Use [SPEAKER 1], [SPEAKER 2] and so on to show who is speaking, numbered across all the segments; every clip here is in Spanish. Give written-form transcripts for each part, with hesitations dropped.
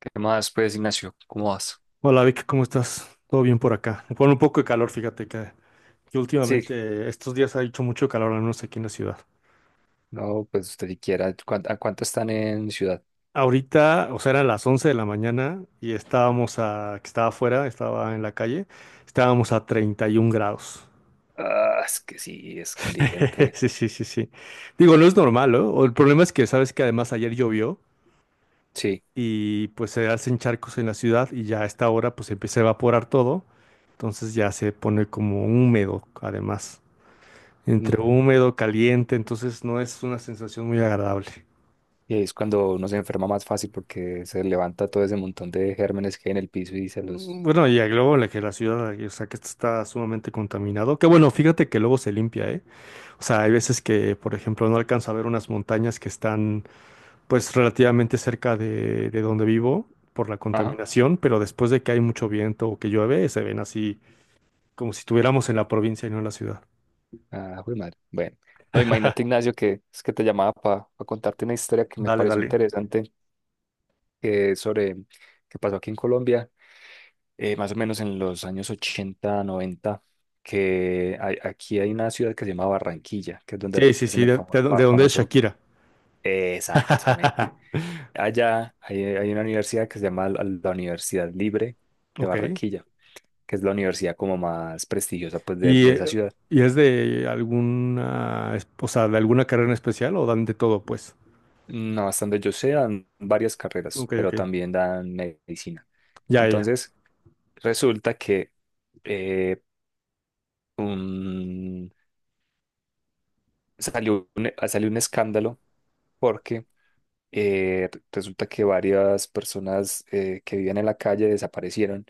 [SPEAKER 1] ¿Qué más, pues, Ignacio? ¿Cómo vas?
[SPEAKER 2] Hola Vic, ¿cómo estás? ¿Todo bien por acá? Con un poco de calor, fíjate que
[SPEAKER 1] Sí,
[SPEAKER 2] últimamente estos días ha hecho mucho calor, al menos aquí en la ciudad.
[SPEAKER 1] no, pues usted siquiera. ¿A cuánto están en ciudad?
[SPEAKER 2] Ahorita, o sea, eran las 11 de la mañana y que estaba afuera, estaba en la calle, estábamos a 31 grados.
[SPEAKER 1] Ah, es que sí, es caliente.
[SPEAKER 2] Sí, sí, sí, sí. Digo, no es normal, ¿no? O El problema es que sabes que además ayer llovió
[SPEAKER 1] Sí,
[SPEAKER 2] y pues se hacen charcos en la ciudad, y ya a esta hora pues empieza a evaporar todo, entonces ya se pone como húmedo además,
[SPEAKER 1] mm,
[SPEAKER 2] entre húmedo, caliente. Entonces no es una sensación muy agradable.
[SPEAKER 1] y ahí es cuando uno se enferma más fácil porque se levanta todo ese montón de gérmenes que hay en el piso y se
[SPEAKER 2] Mm,
[SPEAKER 1] los.
[SPEAKER 2] bueno, y luego la que la ciudad, o sea, que esto está sumamente contaminado, que bueno, fíjate que luego se limpia, ¿eh? O sea, hay veces que, por ejemplo, no alcanzo a ver unas montañas que están, pues, relativamente cerca de donde vivo por la
[SPEAKER 1] Ajá.
[SPEAKER 2] contaminación, pero después de que hay mucho viento o que llueve, se ven así como si estuviéramos en la provincia y no en la ciudad.
[SPEAKER 1] Ah, jue madre. Bueno, no, imagínate, Ignacio, que es que te llamaba para contarte una historia que me
[SPEAKER 2] Dale,
[SPEAKER 1] pareció
[SPEAKER 2] dale.
[SPEAKER 1] interesante. Que es sobre que pasó aquí en Colombia, más o menos en los años 80 y 90, que aquí hay una ciudad que se llama Barranquilla, que es donde
[SPEAKER 2] Sí, sí,
[SPEAKER 1] hacen
[SPEAKER 2] sí,
[SPEAKER 1] el
[SPEAKER 2] de, de de donde es
[SPEAKER 1] famoso...
[SPEAKER 2] Shakira.
[SPEAKER 1] Exactamente. Allá hay, hay una universidad que se llama la Universidad Libre de
[SPEAKER 2] Ok.
[SPEAKER 1] Barranquilla, que es la universidad como más prestigiosa, pues,
[SPEAKER 2] ¿Y,
[SPEAKER 1] de esa
[SPEAKER 2] eh,
[SPEAKER 1] ciudad.
[SPEAKER 2] y es de alguna, o sea, de alguna carrera en especial o dan de todo, pues?
[SPEAKER 1] No, hasta donde yo sé, dan varias carreras,
[SPEAKER 2] Ok,
[SPEAKER 1] pero
[SPEAKER 2] ok.
[SPEAKER 1] también dan medicina.
[SPEAKER 2] Ya, ya.
[SPEAKER 1] Entonces, resulta que eh, un salió un, salió un escándalo porque resulta que varias personas que vivían en la calle desaparecieron,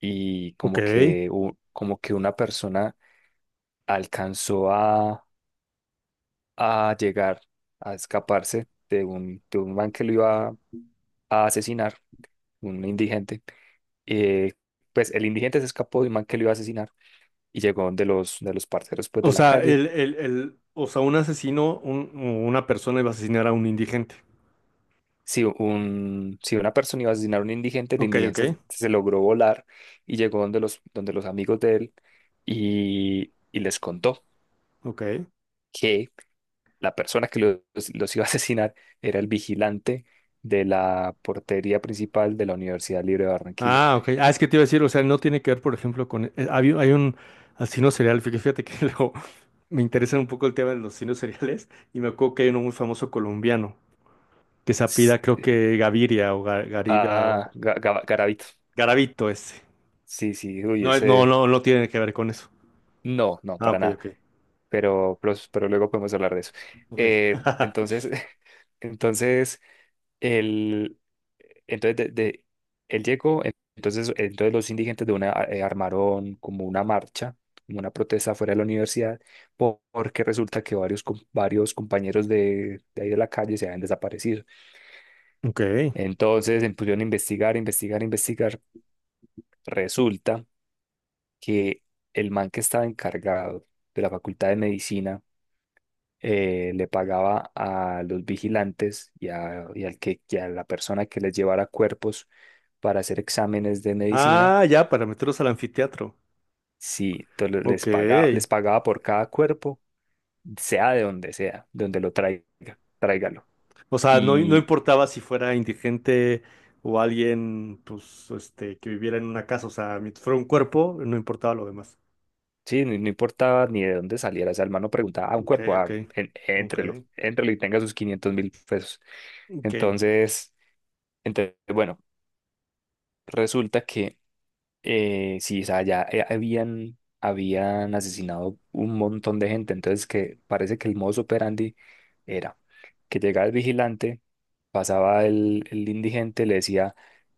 [SPEAKER 1] y
[SPEAKER 2] Ok.
[SPEAKER 1] como que, como que una persona alcanzó a llegar, a escaparse de un man que lo iba a asesinar, un indigente. Eh, pues el indigente se escapó de un man que lo iba a asesinar y llegó de los parceros, pues,
[SPEAKER 2] O
[SPEAKER 1] de la
[SPEAKER 2] sea,
[SPEAKER 1] calle.
[SPEAKER 2] o sea, un asesino, una persona iba a asesinar a un indigente.
[SPEAKER 1] Si, un, si una persona iba a asesinar a un indigente, el
[SPEAKER 2] Ok, ok,
[SPEAKER 1] indigente se, se logró volar y llegó donde los amigos de él, y les contó
[SPEAKER 2] ok.
[SPEAKER 1] que la persona que los iba a asesinar era el vigilante de la portería principal de la Universidad Libre de Barranquilla.
[SPEAKER 2] Ah, ok. Ah, es que te iba a decir, o sea, no tiene que ver, por ejemplo, con, hay, un hay un asesino serial, fíjate que luego me interesa un poco el tema de los asesinos seriales, y me acuerdo que hay uno muy famoso colombiano que se
[SPEAKER 1] S-
[SPEAKER 2] apida, creo que Gaviria o Gariba, o
[SPEAKER 1] Ah, Garavito.
[SPEAKER 2] Garavito, ese.
[SPEAKER 1] Sí, sí, uy,
[SPEAKER 2] No, no,
[SPEAKER 1] ese...
[SPEAKER 2] no, no tiene que ver con eso.
[SPEAKER 1] No, no,
[SPEAKER 2] Ah,
[SPEAKER 1] para
[SPEAKER 2] ok,
[SPEAKER 1] nada.
[SPEAKER 2] ok.
[SPEAKER 1] Pero luego podemos hablar de eso.
[SPEAKER 2] Ok.
[SPEAKER 1] Eh, entonces, entonces... El, entonces, él llegó, entonces, entonces los indigentes de una armaron como una marcha, como una protesta fuera de la universidad, porque resulta que varios, varios compañeros de ahí de la calle se habían desaparecido.
[SPEAKER 2] Ok.
[SPEAKER 1] Entonces se pusieron a investigar, investigar, investigar. Resulta que el man que estaba encargado de la Facultad de Medicina le pagaba a los vigilantes y, a, y al que, y a la persona que les llevara cuerpos para hacer exámenes de medicina.
[SPEAKER 2] Ah, ya, para meterlos al anfiteatro.
[SPEAKER 1] Sí, entonces
[SPEAKER 2] Ok.
[SPEAKER 1] les pagaba por cada cuerpo, sea, de donde lo traiga, tráigalo.
[SPEAKER 2] O sea, no, no
[SPEAKER 1] Y
[SPEAKER 2] importaba si fuera indigente o alguien, pues, este, que viviera en una casa. O sea, mientras fuera un cuerpo, no importaba lo demás.
[SPEAKER 1] sí, no, no importaba ni de dónde saliera. O sea, el man no preguntaba a un
[SPEAKER 2] Ok,
[SPEAKER 1] cuerpo,
[SPEAKER 2] ok.
[SPEAKER 1] ah,
[SPEAKER 2] Ok.
[SPEAKER 1] éntrelo, éntrelo y tenga sus 500.000 pesos.
[SPEAKER 2] Ok.
[SPEAKER 1] Entonces, entonces, bueno, resulta que sí, o sea, ya habían asesinado un montón de gente, entonces que parece que el modus operandi era que llegaba el vigilante, pasaba el indigente, le decía,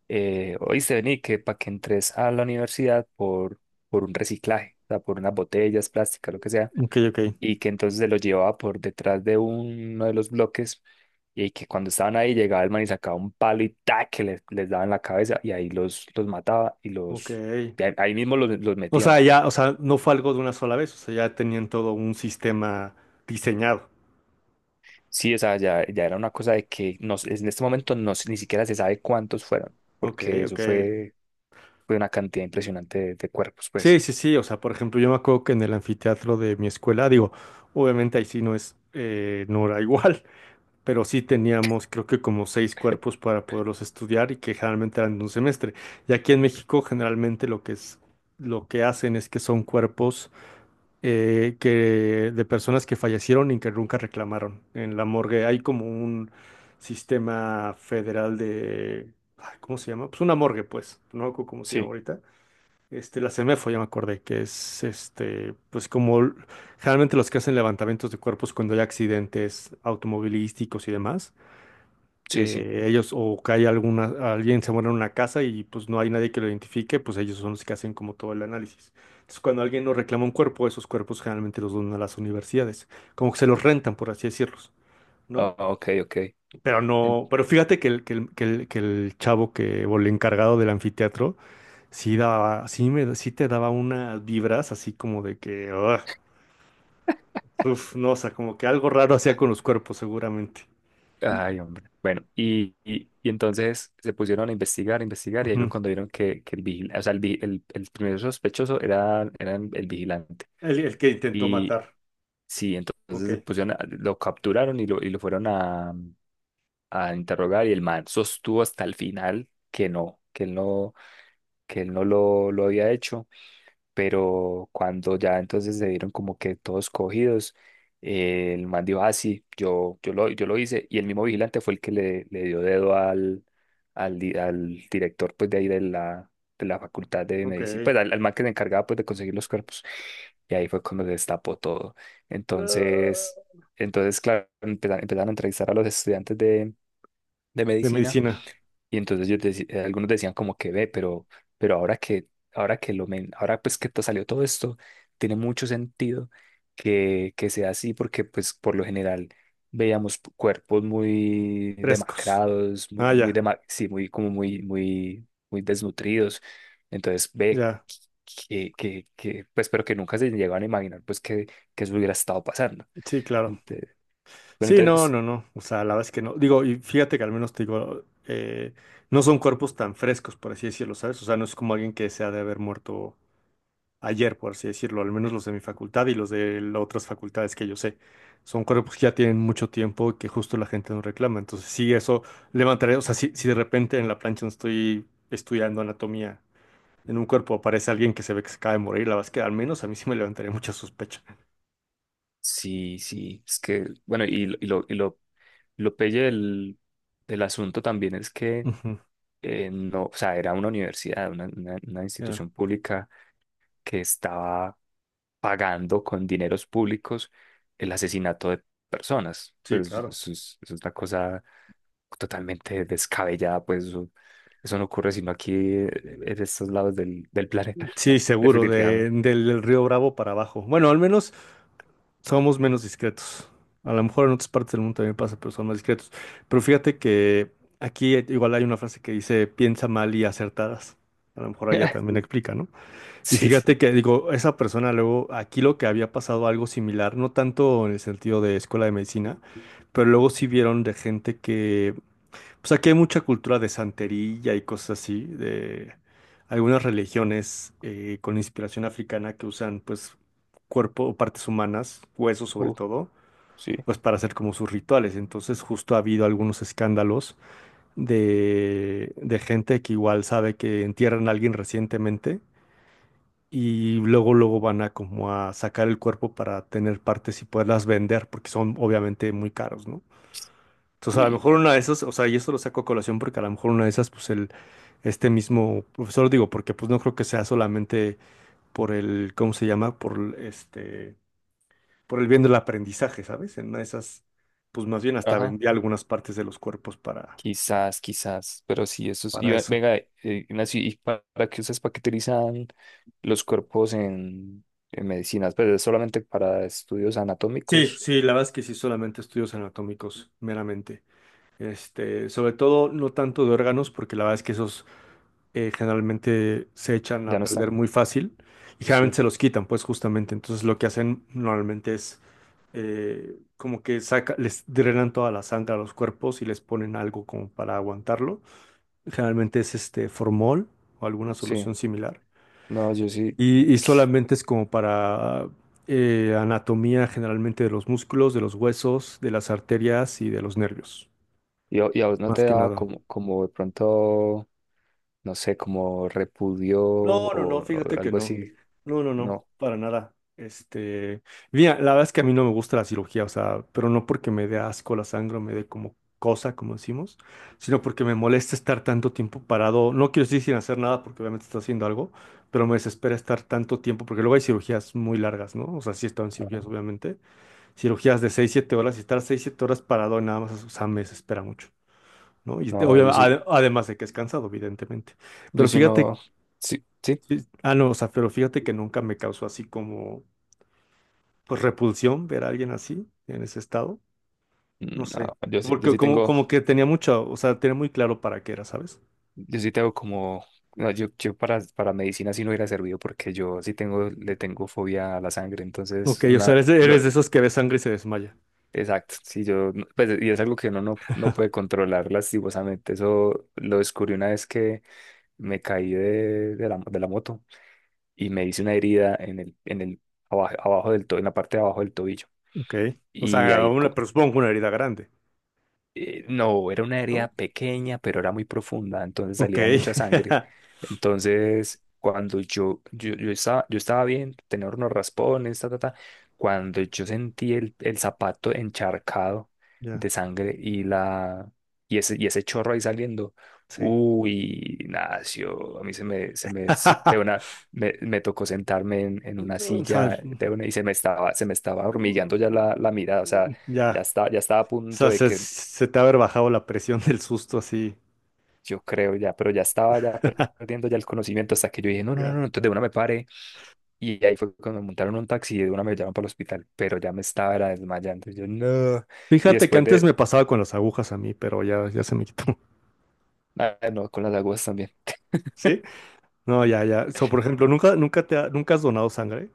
[SPEAKER 1] oíste, vení, que para que entres a la universidad por un reciclaje, o sea, por unas botellas plásticas, lo que sea,
[SPEAKER 2] Ok, ok.
[SPEAKER 1] y que entonces se lo llevaba por detrás de uno de los bloques, y que cuando estaban ahí llegaba el man y sacaba un palo y ¡tac!, que les daba en la cabeza y ahí los mataba y
[SPEAKER 2] Ok.
[SPEAKER 1] los y ahí ahí mismo los
[SPEAKER 2] O sea,
[SPEAKER 1] metían.
[SPEAKER 2] ya, o sea, no fue algo de una sola vez. O sea, ya tenían todo un sistema diseñado.
[SPEAKER 1] Sí, o sea, ya, ya era una cosa de que no, en este momento no, ni siquiera se sabe cuántos fueron,
[SPEAKER 2] Ok,
[SPEAKER 1] porque eso
[SPEAKER 2] ok.
[SPEAKER 1] fue, fue una cantidad impresionante de cuerpos,
[SPEAKER 2] Sí,
[SPEAKER 1] pues.
[SPEAKER 2] sí, sí. O sea, por ejemplo, yo me acuerdo que en el anfiteatro de mi escuela, digo, obviamente ahí sí no es, no era igual, pero sí teníamos creo que como seis cuerpos para poderlos estudiar, y que generalmente eran de un semestre. Y aquí en México generalmente lo que es, lo que hacen es que son cuerpos, que de personas que fallecieron y que nunca reclamaron. En la morgue hay como un sistema federal de, ay, ¿cómo se llama? Pues una morgue, pues. No me acuerdo cómo se llama
[SPEAKER 1] Sí,
[SPEAKER 2] ahorita, este, la CEMEFO, ya me acordé, que es, este, pues como generalmente los que hacen levantamientos de cuerpos cuando hay accidentes automovilísticos y demás,
[SPEAKER 1] sí, sí.
[SPEAKER 2] ellos, o que hay alguna, alguien se muere en una casa y pues no hay nadie que lo identifique, pues ellos son los que hacen como todo el análisis. Entonces, cuando alguien nos reclama un cuerpo, esos cuerpos generalmente los donan a las universidades, como que se los rentan, por así decirlos, ¿no?
[SPEAKER 1] Ah, ok, ok.
[SPEAKER 2] Pero no, pero fíjate que el chavo que, o el encargado del anfiteatro, sí te daba unas vibras así como de que, ugh, uf, no, o sea, como que algo raro hacía con los cuerpos, seguramente.
[SPEAKER 1] Ay, hombre. Bueno, y entonces se pusieron a investigar, y ahí fue
[SPEAKER 2] Ujú.
[SPEAKER 1] cuando vieron que el vigilante, o sea, el primer sospechoso era, era el vigilante.
[SPEAKER 2] El que intentó
[SPEAKER 1] Y
[SPEAKER 2] matar.
[SPEAKER 1] sí,
[SPEAKER 2] Ok,
[SPEAKER 1] entonces se pusieron a- lo capturaron y lo fueron a interrogar, y el man sostuvo hasta el final que no, que él no, que él no lo, lo había hecho, pero cuando ya entonces se vieron como que todos cogidos, el man dijo, ah, sí, yo, yo lo hice, y el mismo vigilante fue el que le dio dedo al, al director, pues, de ahí de la facultad de
[SPEAKER 2] ok.
[SPEAKER 1] medicina, pues, al, al man que se encargaba, pues, de conseguir los cuerpos, y ahí fue cuando se destapó todo. Entonces,
[SPEAKER 2] Ah.
[SPEAKER 1] entonces, claro, empezaron a entrevistar a los estudiantes de
[SPEAKER 2] De
[SPEAKER 1] medicina,
[SPEAKER 2] medicina,
[SPEAKER 1] y entonces yo algunos decían como que ve, pero ahora que, ahora que ahora pues que te salió todo esto, tiene mucho sentido que sea así, porque pues por lo general veíamos cuerpos muy
[SPEAKER 2] frescos.
[SPEAKER 1] demacrados, muy,
[SPEAKER 2] Ah, ya,
[SPEAKER 1] sí, muy, como muy, muy, muy desnutridos. Entonces ve
[SPEAKER 2] ya.
[SPEAKER 1] que, pues, pero que nunca se llegaban a imaginar pues que eso hubiera estado pasando.
[SPEAKER 2] Sí, claro.
[SPEAKER 1] Ente- bueno,
[SPEAKER 2] Sí, no,
[SPEAKER 1] entonces,
[SPEAKER 2] no, no. O sea, la verdad es que no. Digo, y fíjate que al menos te digo, no son cuerpos tan frescos, por así decirlo, ¿sabes? O sea, no es como alguien que se ha de haber muerto ayer, por así decirlo, al menos los de mi facultad y los de las otras facultades que yo sé. Son cuerpos que ya tienen mucho tiempo y que justo la gente no reclama. Entonces, sí, eso levantaría, o sea, si, si de repente en la plancha donde estoy estudiando anatomía, en un cuerpo aparece alguien que se ve que se acaba de morir, la verdad es que al menos a mí sí me levantaría mucha sospecha.
[SPEAKER 1] sí, sí, es que, bueno, y, y lo lo pelle del, del asunto también es que
[SPEAKER 2] Ujú,
[SPEAKER 1] no, o sea, era una universidad, una, una
[SPEAKER 2] ya.
[SPEAKER 1] institución pública que estaba pagando con dineros públicos el asesinato de personas.
[SPEAKER 2] Sí,
[SPEAKER 1] Pues
[SPEAKER 2] claro.
[SPEAKER 1] eso es una cosa totalmente descabellada, pues eso no ocurre sino aquí en estos lados del, del planeta,
[SPEAKER 2] Sí, seguro,
[SPEAKER 1] definitivamente.
[SPEAKER 2] del, del Río Bravo para abajo. Bueno, al menos somos menos discretos. A lo mejor en otras partes del mundo también pasa, pero son más discretos. Pero fíjate que aquí, igual hay una frase que dice piensa mal y acertadas. A lo mejor allá también explica, ¿no? Y
[SPEAKER 1] Sí, sí.
[SPEAKER 2] fíjate que, digo, esa persona luego, aquí lo que había pasado algo similar, no tanto en el sentido de escuela de medicina, pero luego sí vieron de gente que, pues aquí hay mucha cultura de santería y cosas así, de algunas religiones, con inspiración africana, que usan pues cuerpo o partes humanas, huesos sobre
[SPEAKER 1] Uh,
[SPEAKER 2] todo,
[SPEAKER 1] sí,
[SPEAKER 2] pues para hacer como sus rituales. Entonces justo ha habido algunos escándalos de gente que igual sabe que entierran a alguien recientemente y luego luego van a como a sacar el cuerpo para tener partes y poderlas vender porque son obviamente muy caros, ¿no? Entonces, a lo
[SPEAKER 1] uy,
[SPEAKER 2] mejor una de
[SPEAKER 1] no.
[SPEAKER 2] esas, o sea, y esto lo saco a colación porque a lo mejor una de esas, pues el, este mismo profesor, digo, porque pues no creo que sea solamente por el, ¿cómo se llama? Por el, este, por el bien del aprendizaje, ¿sabes? En una de esas, pues más bien hasta
[SPEAKER 1] Ajá.
[SPEAKER 2] vendía algunas partes de los cuerpos
[SPEAKER 1] Quizás, quizás, pero sí, eso es. Y
[SPEAKER 2] para eso.
[SPEAKER 1] venga, Ignacio, ¿y para qué ustedes paqueterizan los cuerpos en medicinas? Pues es solamente para estudios
[SPEAKER 2] Sí,
[SPEAKER 1] anatómicos.
[SPEAKER 2] sí, la verdad es que sí, solamente estudios anatómicos, meramente. Este, sobre todo, no tanto de órganos, porque la verdad es que esos, generalmente se echan
[SPEAKER 1] Ya
[SPEAKER 2] a
[SPEAKER 1] no
[SPEAKER 2] perder
[SPEAKER 1] están.
[SPEAKER 2] muy fácil, y
[SPEAKER 1] Sí,
[SPEAKER 2] generalmente se los quitan, pues justamente. Entonces lo que hacen normalmente es, como que saca, les drenan toda la sangre a los cuerpos y les ponen algo como para aguantarlo. Generalmente es este formol o alguna
[SPEAKER 1] sí.
[SPEAKER 2] solución similar.
[SPEAKER 1] No, yo sí.
[SPEAKER 2] Y solamente es como para, anatomía generalmente de los músculos, de los huesos, de las arterias y de los nervios,
[SPEAKER 1] Y a vos no
[SPEAKER 2] más
[SPEAKER 1] te
[SPEAKER 2] que
[SPEAKER 1] daba
[SPEAKER 2] nada.
[SPEAKER 1] como, como de pronto, no sé, como repudio
[SPEAKER 2] No, no, no,
[SPEAKER 1] o
[SPEAKER 2] fíjate que
[SPEAKER 1] algo
[SPEAKER 2] no.
[SPEAKER 1] así?
[SPEAKER 2] No, no, no,
[SPEAKER 1] No.
[SPEAKER 2] para nada. Este, mira, la verdad es que a mí no me gusta la cirugía, o sea, pero no porque me dé asco la sangre o me dé como cosa, como decimos, sino porque me molesta estar tanto tiempo parado. No quiero decir sin hacer nada porque obviamente está haciendo algo, pero me desespera estar tanto tiempo porque luego hay cirugías muy largas, ¿no? O sea, sí he estado en
[SPEAKER 1] Ajá.
[SPEAKER 2] cirugías, obviamente. Cirugías de 6, 7 horas, y estar 6, 7 horas parado nada más, o sea, me desespera mucho, ¿no? Y
[SPEAKER 1] No, yo sí.
[SPEAKER 2] obviamente, además de que es cansado, evidentemente.
[SPEAKER 1] Yo
[SPEAKER 2] Pero
[SPEAKER 1] sí
[SPEAKER 2] fíjate.
[SPEAKER 1] no. Sí, sí.
[SPEAKER 2] Sí. Ah, no, o sea, pero fíjate que nunca me causó así como, pues, repulsión ver a alguien así, en ese estado. No sé,
[SPEAKER 1] No, yo sí, yo
[SPEAKER 2] porque
[SPEAKER 1] sí
[SPEAKER 2] como,
[SPEAKER 1] tengo.
[SPEAKER 2] como que tenía mucho, o sea, tenía muy claro para qué era, ¿sabes?
[SPEAKER 1] Yo sí tengo como, no, yo para medicina sí no hubiera servido porque yo sí tengo, le tengo fobia a la sangre, entonces,
[SPEAKER 2] Ok, o sea,
[SPEAKER 1] una, lo-
[SPEAKER 2] eres de esos que ve sangre y se desmaya.
[SPEAKER 1] exacto, sí, yo, no- pues, y es algo que uno no, no puede controlar lastimosamente, eso lo descubrí una vez que me caí de la moto y me hice una herida en el, abajo, abajo del tobillo, en la parte de abajo del tobillo,
[SPEAKER 2] Ok. O
[SPEAKER 1] y
[SPEAKER 2] sea,
[SPEAKER 1] ahí
[SPEAKER 2] una, pero supongo que una herida grande,
[SPEAKER 1] no, era una herida
[SPEAKER 2] ¿no?
[SPEAKER 1] pequeña, pero era muy profunda, entonces
[SPEAKER 2] Ok.
[SPEAKER 1] salía mucha sangre. Entonces, cuando yo, yo estaba bien, tenía unos raspones, ta, ta, ta, cuando yo sentí el zapato encharcado
[SPEAKER 2] Ya,
[SPEAKER 1] de sangre y, la, y ese chorro ahí saliendo,
[SPEAKER 2] sí.
[SPEAKER 1] uy, nació, a mí se me, de una, me tocó sentarme en una
[SPEAKER 2] O sea,
[SPEAKER 1] silla de una, y se me estaba hormigueando ya la
[SPEAKER 2] mm,
[SPEAKER 1] mirada, o sea,
[SPEAKER 2] ya,
[SPEAKER 1] ya estaba a
[SPEAKER 2] o
[SPEAKER 1] punto
[SPEAKER 2] sea,
[SPEAKER 1] de
[SPEAKER 2] se,
[SPEAKER 1] que
[SPEAKER 2] se te ha haber bajado la presión del susto así,
[SPEAKER 1] yo creo ya, pero ya estaba ya perdiendo ya el conocimiento hasta que yo dije, no, no, no,
[SPEAKER 2] ya.
[SPEAKER 1] no, entonces de una me paré y ahí fue cuando me montaron un taxi y de una me llevaron para el hospital, pero ya me estaba era desmayando, y yo no, y
[SPEAKER 2] Fíjate que
[SPEAKER 1] después
[SPEAKER 2] antes
[SPEAKER 1] de,
[SPEAKER 2] me pasaba con las agujas a mí, pero ya, ya se me quitó.
[SPEAKER 1] ah, no, con las aguas también.
[SPEAKER 2] ¿Sí? No, ya, ya. So, por ejemplo, nunca nunca has donado sangre.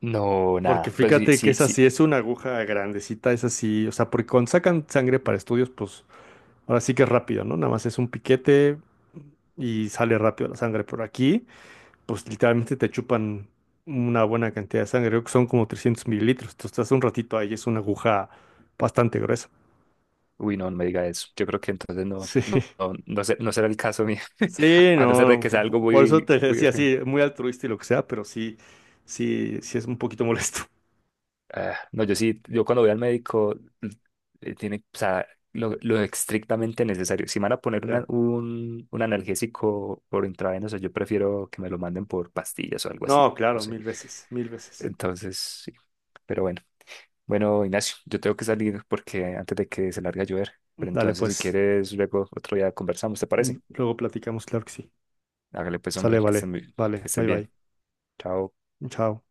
[SPEAKER 1] No,
[SPEAKER 2] Porque
[SPEAKER 1] nada, pues sí,
[SPEAKER 2] fíjate que
[SPEAKER 1] sí,
[SPEAKER 2] esa
[SPEAKER 1] sí.
[SPEAKER 2] sí es una aguja grandecita, es así. O sea, porque cuando sacan sangre para estudios, pues ahora sí que es rápido, ¿no? Nada más es un piquete y sale rápido la sangre. Por aquí, pues literalmente te chupan una buena cantidad de sangre. Creo que son como 300 mililitros. Tú estás un ratito ahí, es una aguja bastante gruesa.
[SPEAKER 1] Uy, no, no me diga eso. Yo creo que entonces no, no,
[SPEAKER 2] Sí.
[SPEAKER 1] no, no, no será el caso mío,
[SPEAKER 2] Sí,
[SPEAKER 1] a no ser de
[SPEAKER 2] no,
[SPEAKER 1] que sea algo
[SPEAKER 2] por eso
[SPEAKER 1] muy,
[SPEAKER 2] te
[SPEAKER 1] muy
[SPEAKER 2] decía, sí,
[SPEAKER 1] urgente.
[SPEAKER 2] muy altruista y lo que sea, pero sí, sí es un poquito molesto.
[SPEAKER 1] Ah, no, yo sí, yo cuando voy al médico, tiene, o sea, lo estrictamente necesario. Si me van a poner
[SPEAKER 2] Ya.
[SPEAKER 1] un analgésico por intravenoso, yo prefiero que me lo manden por pastillas o algo así,
[SPEAKER 2] No,
[SPEAKER 1] no
[SPEAKER 2] claro,
[SPEAKER 1] sé.
[SPEAKER 2] mil veces, mil veces.
[SPEAKER 1] Entonces, sí. Pero bueno, bueno, Ignacio, yo tengo que salir porque antes de que se largue a llover. Pero
[SPEAKER 2] Dale,
[SPEAKER 1] entonces, si
[SPEAKER 2] pues,
[SPEAKER 1] quieres, luego otro día conversamos, ¿te
[SPEAKER 2] mm,
[SPEAKER 1] parece?
[SPEAKER 2] luego platicamos, claro que sí.
[SPEAKER 1] Hágale pues, hombre,
[SPEAKER 2] Sale,
[SPEAKER 1] que
[SPEAKER 2] vale,
[SPEAKER 1] estés muy- que
[SPEAKER 2] vale,
[SPEAKER 1] estés
[SPEAKER 2] bye
[SPEAKER 1] bien.
[SPEAKER 2] bye,
[SPEAKER 1] Chao.
[SPEAKER 2] chao.